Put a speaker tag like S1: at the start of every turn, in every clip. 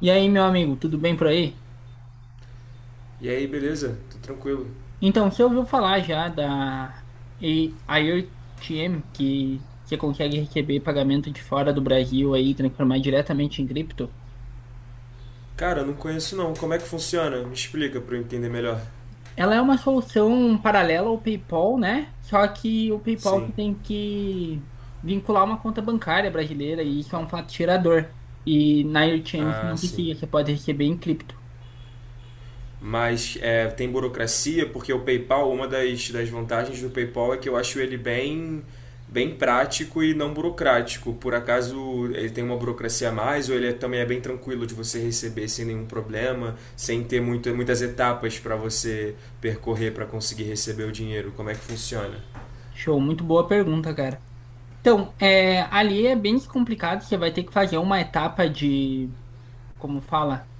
S1: E aí, meu amigo, tudo bem por aí?
S2: E aí, beleza? Tô tranquilo.
S1: Então, você ouviu falar já da IoTM, que você consegue receber pagamento de fora do Brasil aí, e transformar diretamente em cripto?
S2: Cara, eu não conheço não. Como é que funciona? Me explica pra eu entender melhor.
S1: Ela é uma solução paralela ao PayPal, né? Só que o PayPal
S2: Sim.
S1: que tem que vincular uma conta bancária brasileira e isso é um fato tirador. E na IoTM você
S2: Ah,
S1: não
S2: sim.
S1: precisa, você pode receber em cripto.
S2: Mas é, tem burocracia, porque o PayPal, uma das vantagens do PayPal é que eu acho ele bem, bem prático e não burocrático. Por acaso ele tem uma burocracia a mais ou também é bem tranquilo de você receber sem nenhum problema, sem ter muitas etapas para você percorrer para conseguir receber o dinheiro? Como é que funciona?
S1: Show, muito boa pergunta, cara. Então, é, ali é bem complicado, você vai ter que fazer uma etapa de como fala,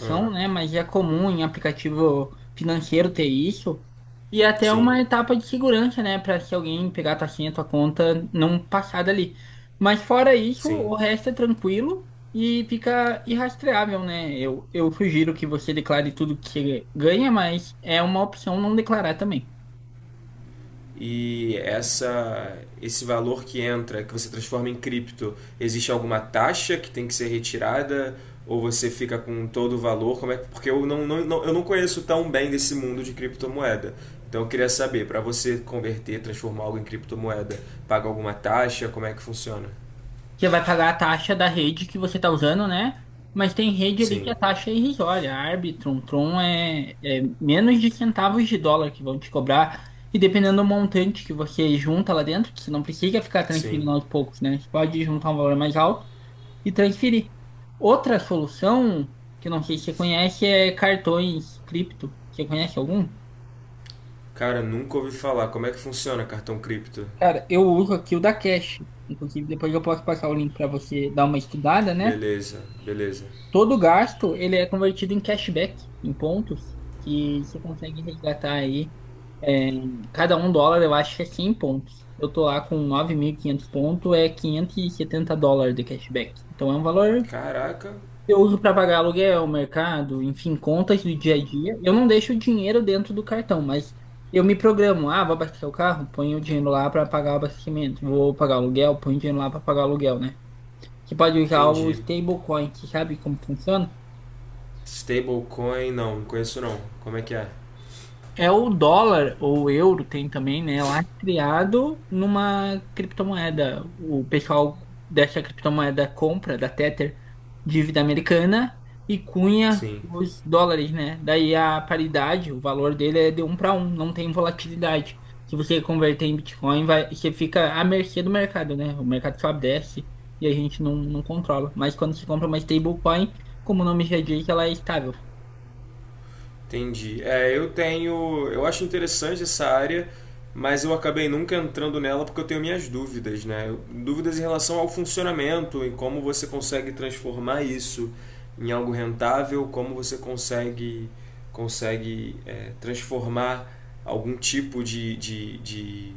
S2: Ah,
S1: né? Mas é comum em aplicativo financeiro ter isso. E é até
S2: sim,
S1: uma etapa de segurança, né? Para se alguém pegar a tua senha, tua conta, não passar dali. Mas fora isso,
S2: sim.
S1: o resto é tranquilo e fica irrastreável, né? Eu sugiro que você declare tudo que você ganha, mas é uma opção não declarar também.
S2: E esse valor que entra, que você transforma em cripto, existe alguma taxa que tem que ser retirada? Ou você fica com todo o valor? Como é, porque eu não conheço tão bem desse mundo de criptomoeda. Então eu queria saber, para você converter, transformar algo em criptomoeda, paga alguma taxa? Como é que funciona?
S1: Você vai pagar a taxa da rede que você está usando, né? Mas tem rede ali que a
S2: Sim,
S1: taxa é irrisória. A Arbitrum, Tron é, é menos de centavos de dólar que vão te cobrar. E dependendo do montante que você junta lá dentro, que você não precisa ficar
S2: sim.
S1: transferindo aos poucos, né? Você pode juntar um valor mais alto e transferir. Outra solução, que eu não sei se você conhece, é cartões cripto. Você conhece algum?
S2: Cara, nunca ouvi falar. Como é que funciona cartão cripto?
S1: Cara, eu uso aqui o da Cash. Inclusive, depois eu posso passar o link para você dar uma estudada, né?
S2: Beleza, beleza.
S1: Todo gasto, ele é convertido em cashback, em pontos, que você consegue resgatar aí. Cada um dólar, eu acho que é 100 pontos. Eu tô lá com 9.500 pontos, é 570 dólares de cashback. Então é um valor
S2: Caraca,
S1: que eu uso para pagar aluguel, mercado, enfim, contas do dia a dia. Eu não deixo o dinheiro dentro do cartão, mas eu me programo. Ah, vou abastecer o carro, ponho o dinheiro lá para pagar o abastecimento. Vou pagar o aluguel, ponho o dinheiro lá para pagar o aluguel, né? Você pode usar o
S2: entendi.
S1: stablecoin, você sabe como funciona?
S2: Stablecoin, não conheço não. Como é que é?
S1: É o dólar ou o euro tem também, né? Lastreado numa criptomoeda. O pessoal dessa criptomoeda compra da Tether dívida americana e cunha
S2: Sim,
S1: os dólares, né? Daí a paridade, o valor dele é de um para um, não tem volatilidade. Se você converter em Bitcoin, vai, você fica à mercê do mercado, né? O mercado sobe, desce e a gente não controla. Mas quando se compra uma stablecoin, como o nome já diz, ela é estável.
S2: entendi. É, eu tenho, eu acho interessante essa área, mas eu acabei nunca entrando nela porque eu tenho minhas dúvidas, né? Dúvidas em relação ao funcionamento, em como você consegue transformar isso em algo rentável, como você consegue transformar algum tipo de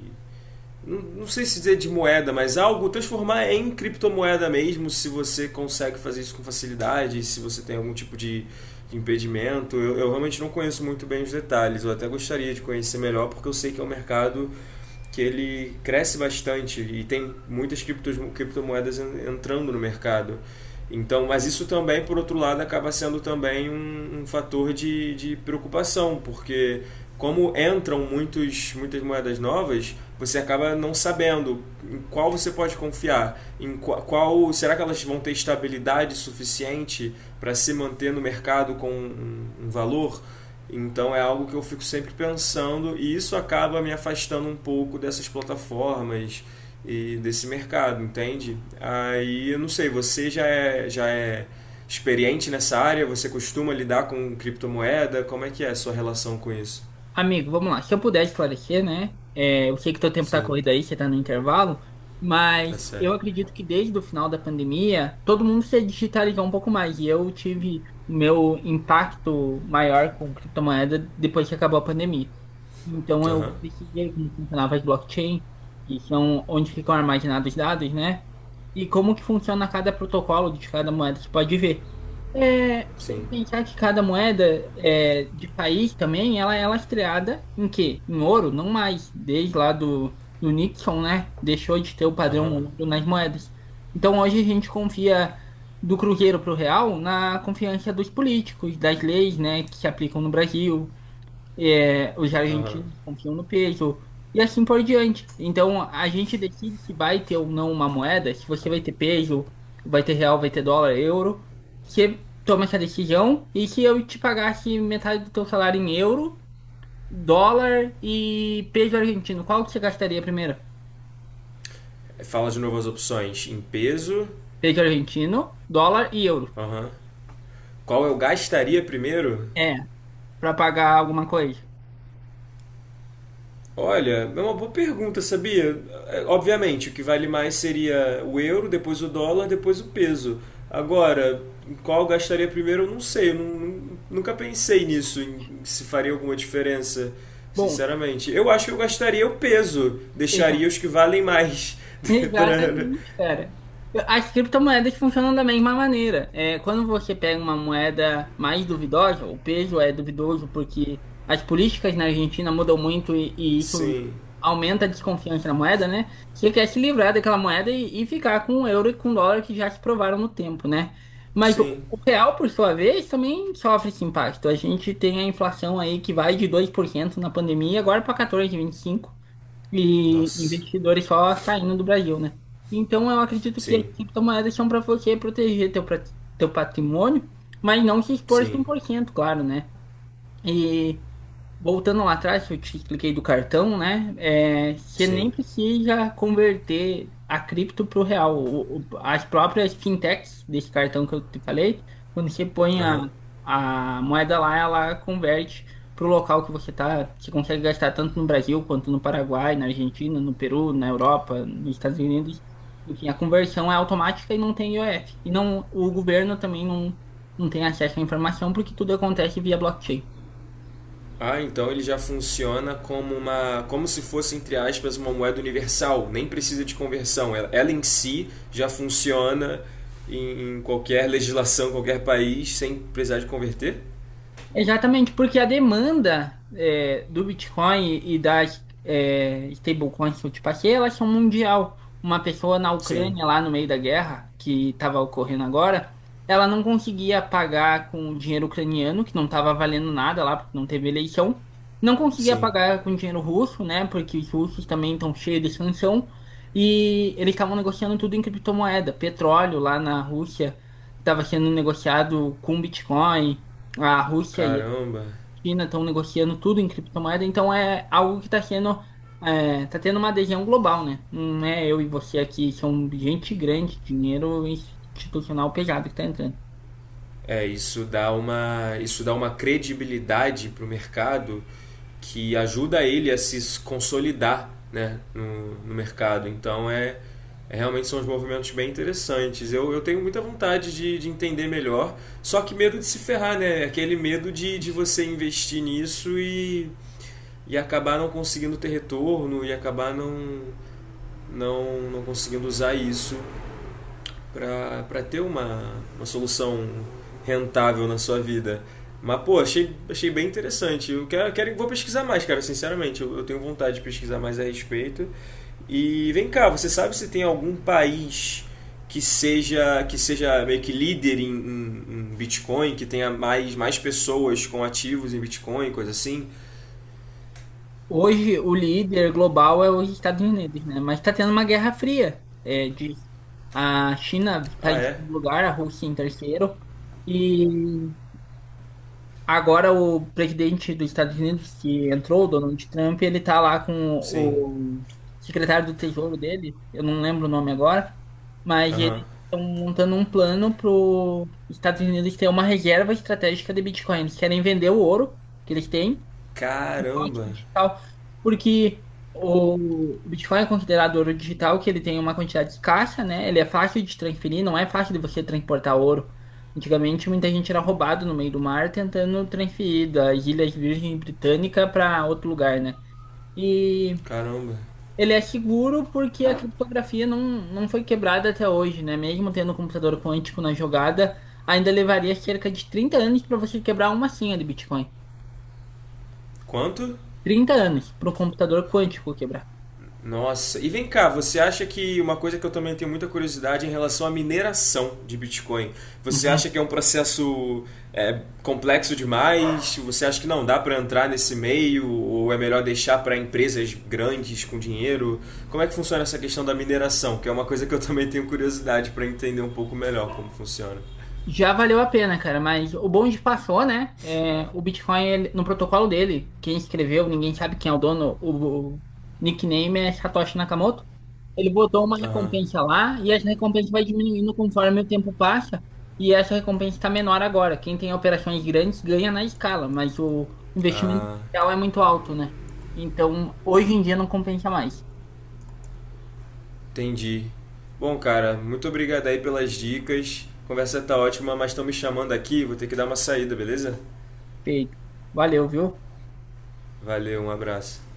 S2: não sei se dizer de moeda, mas algo transformar em criptomoeda mesmo, se você consegue fazer isso com facilidade, se você tem algum tipo de impedimento. Eu realmente não conheço muito bem os detalhes, eu até gostaria de conhecer melhor, porque eu sei que é um mercado que ele cresce bastante e tem muitas criptomoedas entrando no mercado. Então, mas isso também, por outro lado, acaba sendo também um fator de preocupação, porque como entram muitas moedas novas, você acaba não sabendo em qual você pode confiar, qual, será que elas vão ter estabilidade suficiente para se manter no mercado com um valor? Então é algo que eu fico sempre pensando e isso acaba me afastando um pouco dessas plataformas e desse mercado, entende? Aí eu não sei, você já é experiente nessa área? Você costuma lidar com criptomoeda? Como é que é a sua relação com isso?
S1: Amigo, vamos lá. Se eu puder esclarecer, né? É, eu sei que teu tempo tá
S2: Sim,
S1: corrido aí, você tá no intervalo,
S2: tá
S1: mas eu
S2: certo.
S1: acredito que desde o final da pandemia, todo mundo se digitalizou um pouco mais. E eu tive o meu impacto maior com criptomoeda depois que acabou a pandemia. Então eu
S2: Aham,
S1: pesquisei como funcionava as blockchain, que são onde ficam armazenados os dados, né? E como que funciona cada protocolo de cada moeda, você pode ver. É, você tem
S2: sim.
S1: que pensar que cada moeda é, de país também, ela é lastreada em quê? Em ouro, não mais. Desde lá do Nixon, né? Deixou de ter o padrão
S2: Aham,
S1: ouro nas moedas. Então hoje a gente confia do cruzeiro para o real na confiança dos políticos, das leis, né, que se aplicam no Brasil é, os
S2: aham.
S1: argentinos confiam no peso e assim por diante. Então a gente decide se vai ter ou não uma moeda, se você vai ter peso, vai ter real, vai ter dólar, euro. Você toma essa decisão e se eu te pagasse metade do teu salário em euro, dólar e peso argentino, qual que você gastaria primeiro?
S2: Fala de novo as opções. Em peso.
S1: Peso argentino, dólar e euro.
S2: Aham. Qual eu gastaria primeiro?
S1: É, para pagar alguma coisa.
S2: Olha, é uma boa pergunta, sabia? É, obviamente, o que vale mais seria o euro, depois o dólar, depois o peso. Agora, em qual eu gastaria primeiro, eu não sei. Eu nunca pensei nisso, em se faria alguma diferença,
S1: Bom,
S2: sinceramente. Eu acho que eu gastaria o peso,
S1: deixa.
S2: deixaria os que valem mais. pra...
S1: Exatamente, cara. As criptomoedas funcionam da mesma maneira. É, quando você pega uma moeda mais duvidosa, o peso é duvidoso porque as políticas na Argentina mudam muito e isso
S2: Sim,
S1: aumenta a desconfiança na moeda, né? Você quer se livrar daquela moeda e ficar com o euro e com o dólar que já se provaram no tempo, né? Mas o,
S2: sim.
S1: o real, por sua vez, também sofre esse impacto. A gente tem a inflação aí que vai de 2% na pandemia agora para 14,25% e
S2: Nossa,
S1: investidores só saindo do Brasil, né? Então eu acredito que as
S2: sim,
S1: criptomoedas são para você proteger teu patrimônio, mas não se expor
S2: sim,
S1: 100%, claro, né? E voltando lá atrás, que eu te expliquei do cartão, né? É, você nem
S2: sim.
S1: precisa converter a cripto para o real. As próprias fintechs desse cartão que eu te falei, quando você põe
S2: Aham.
S1: a moeda lá, ela converte para o local que você está. Você consegue gastar tanto no Brasil quanto no Paraguai, na Argentina, no Peru, na Europa, nos Estados Unidos. Enfim, a conversão é automática e não tem IOF. E não, o governo também não tem acesso à informação porque tudo acontece via blockchain.
S2: Ah, então ele já funciona como como se fosse entre aspas uma moeda universal. Nem precisa de conversão. Ela em si já funciona em, em qualquer legislação, qualquer país, sem precisar de converter.
S1: Exatamente, porque a demanda é, do Bitcoin e das é, stablecoins que eu te passei, elas são mundial. Uma pessoa na
S2: Sim,
S1: Ucrânia, lá no meio da guerra, que estava ocorrendo agora, ela não conseguia pagar com o dinheiro ucraniano, que não estava valendo nada lá, porque não teve eleição. Não conseguia
S2: sim.
S1: pagar com dinheiro russo, né? Porque os russos também estão cheios de sanção. E eles estavam negociando tudo em criptomoeda. Petróleo lá na Rússia estava sendo negociado com Bitcoin. A Rússia e a
S2: Caramba.
S1: China estão negociando tudo em criptomoeda, então é algo que está sendo, é, tá tendo uma adesão global, né? Não é eu e você aqui, são gente grande, dinheiro institucional pesado que está entrando.
S2: É, isso dá uma credibilidade para o mercado que ajuda ele a se consolidar, né, no mercado. Então é, é, realmente são uns movimentos bem interessantes. Eu tenho muita vontade de entender melhor, só que medo de se ferrar, né? Aquele medo de você investir nisso e acabar não conseguindo ter retorno e acabar não conseguindo usar isso para ter uma solução rentável na sua vida. Mas, pô, achei bem interessante. Eu quero, vou pesquisar mais, cara, sinceramente. Eu tenho vontade de pesquisar mais a respeito. E vem cá, você sabe se tem algum país que seja meio que líder em, em, em Bitcoin, que tenha mais pessoas com ativos em Bitcoin, coisa assim?
S1: Hoje, o líder global é os Estados Unidos, né? Mas está tendo uma guerra fria, é, disso. A China está
S2: Ah,
S1: em
S2: é?
S1: segundo lugar, a Rússia em terceiro, e agora o presidente dos Estados Unidos que entrou, o Donald Trump, ele tá lá com
S2: Sim.
S1: o secretário do Tesouro dele, eu não lembro o nome agora, mas eles
S2: Aham.
S1: estão montando um plano para os Estados Unidos ter uma reserva estratégica de Bitcoin. Eles querem vender o ouro que eles têm
S2: Caramba,
S1: ótimo digital, porque o Bitcoin é considerado ouro digital, que ele tem uma quantidade escassa, né? Ele é fácil de transferir, não é fácil de você transportar ouro. Antigamente, muita gente era roubado no meio do mar tentando transferir das Ilhas Virgem Britânica para outro lugar, né? E
S2: caramba.
S1: ele é seguro porque a criptografia não foi quebrada até hoje, né? Mesmo tendo um computador quântico na jogada, ainda levaria cerca de 30 anos para você quebrar uma senha de Bitcoin.
S2: Quanto?
S1: 30 anos para o computador quântico quebrar.
S2: Nossa, e vem cá, você acha que uma coisa que eu também tenho muita curiosidade é em relação à mineração de Bitcoin, você acha
S1: Uhum.
S2: que é um processo complexo demais? Você acha que não dá para entrar nesse meio ou é melhor deixar para empresas grandes com dinheiro? Como é que funciona essa questão da mineração? Que é uma coisa que eu também tenho curiosidade para entender um pouco melhor como funciona.
S1: Já valeu a pena, cara, mas o bonde passou, né? É, o Bitcoin, no protocolo dele, quem escreveu, ninguém sabe quem é o dono, o nickname é Satoshi Nakamoto. Ele botou uma recompensa lá e essa recompensa vai diminuindo conforme o tempo passa. E essa recompensa está menor agora. Quem tem operações grandes ganha na escala, mas o investimento inicial é muito alto, né? Então, hoje em dia não compensa mais.
S2: Entendi. Bom, cara, muito obrigado aí pelas dicas. A conversa tá ótima, mas estão me chamando aqui, vou ter que dar uma saída, beleza?
S1: Feito. Valeu, viu?
S2: Valeu, um abraço.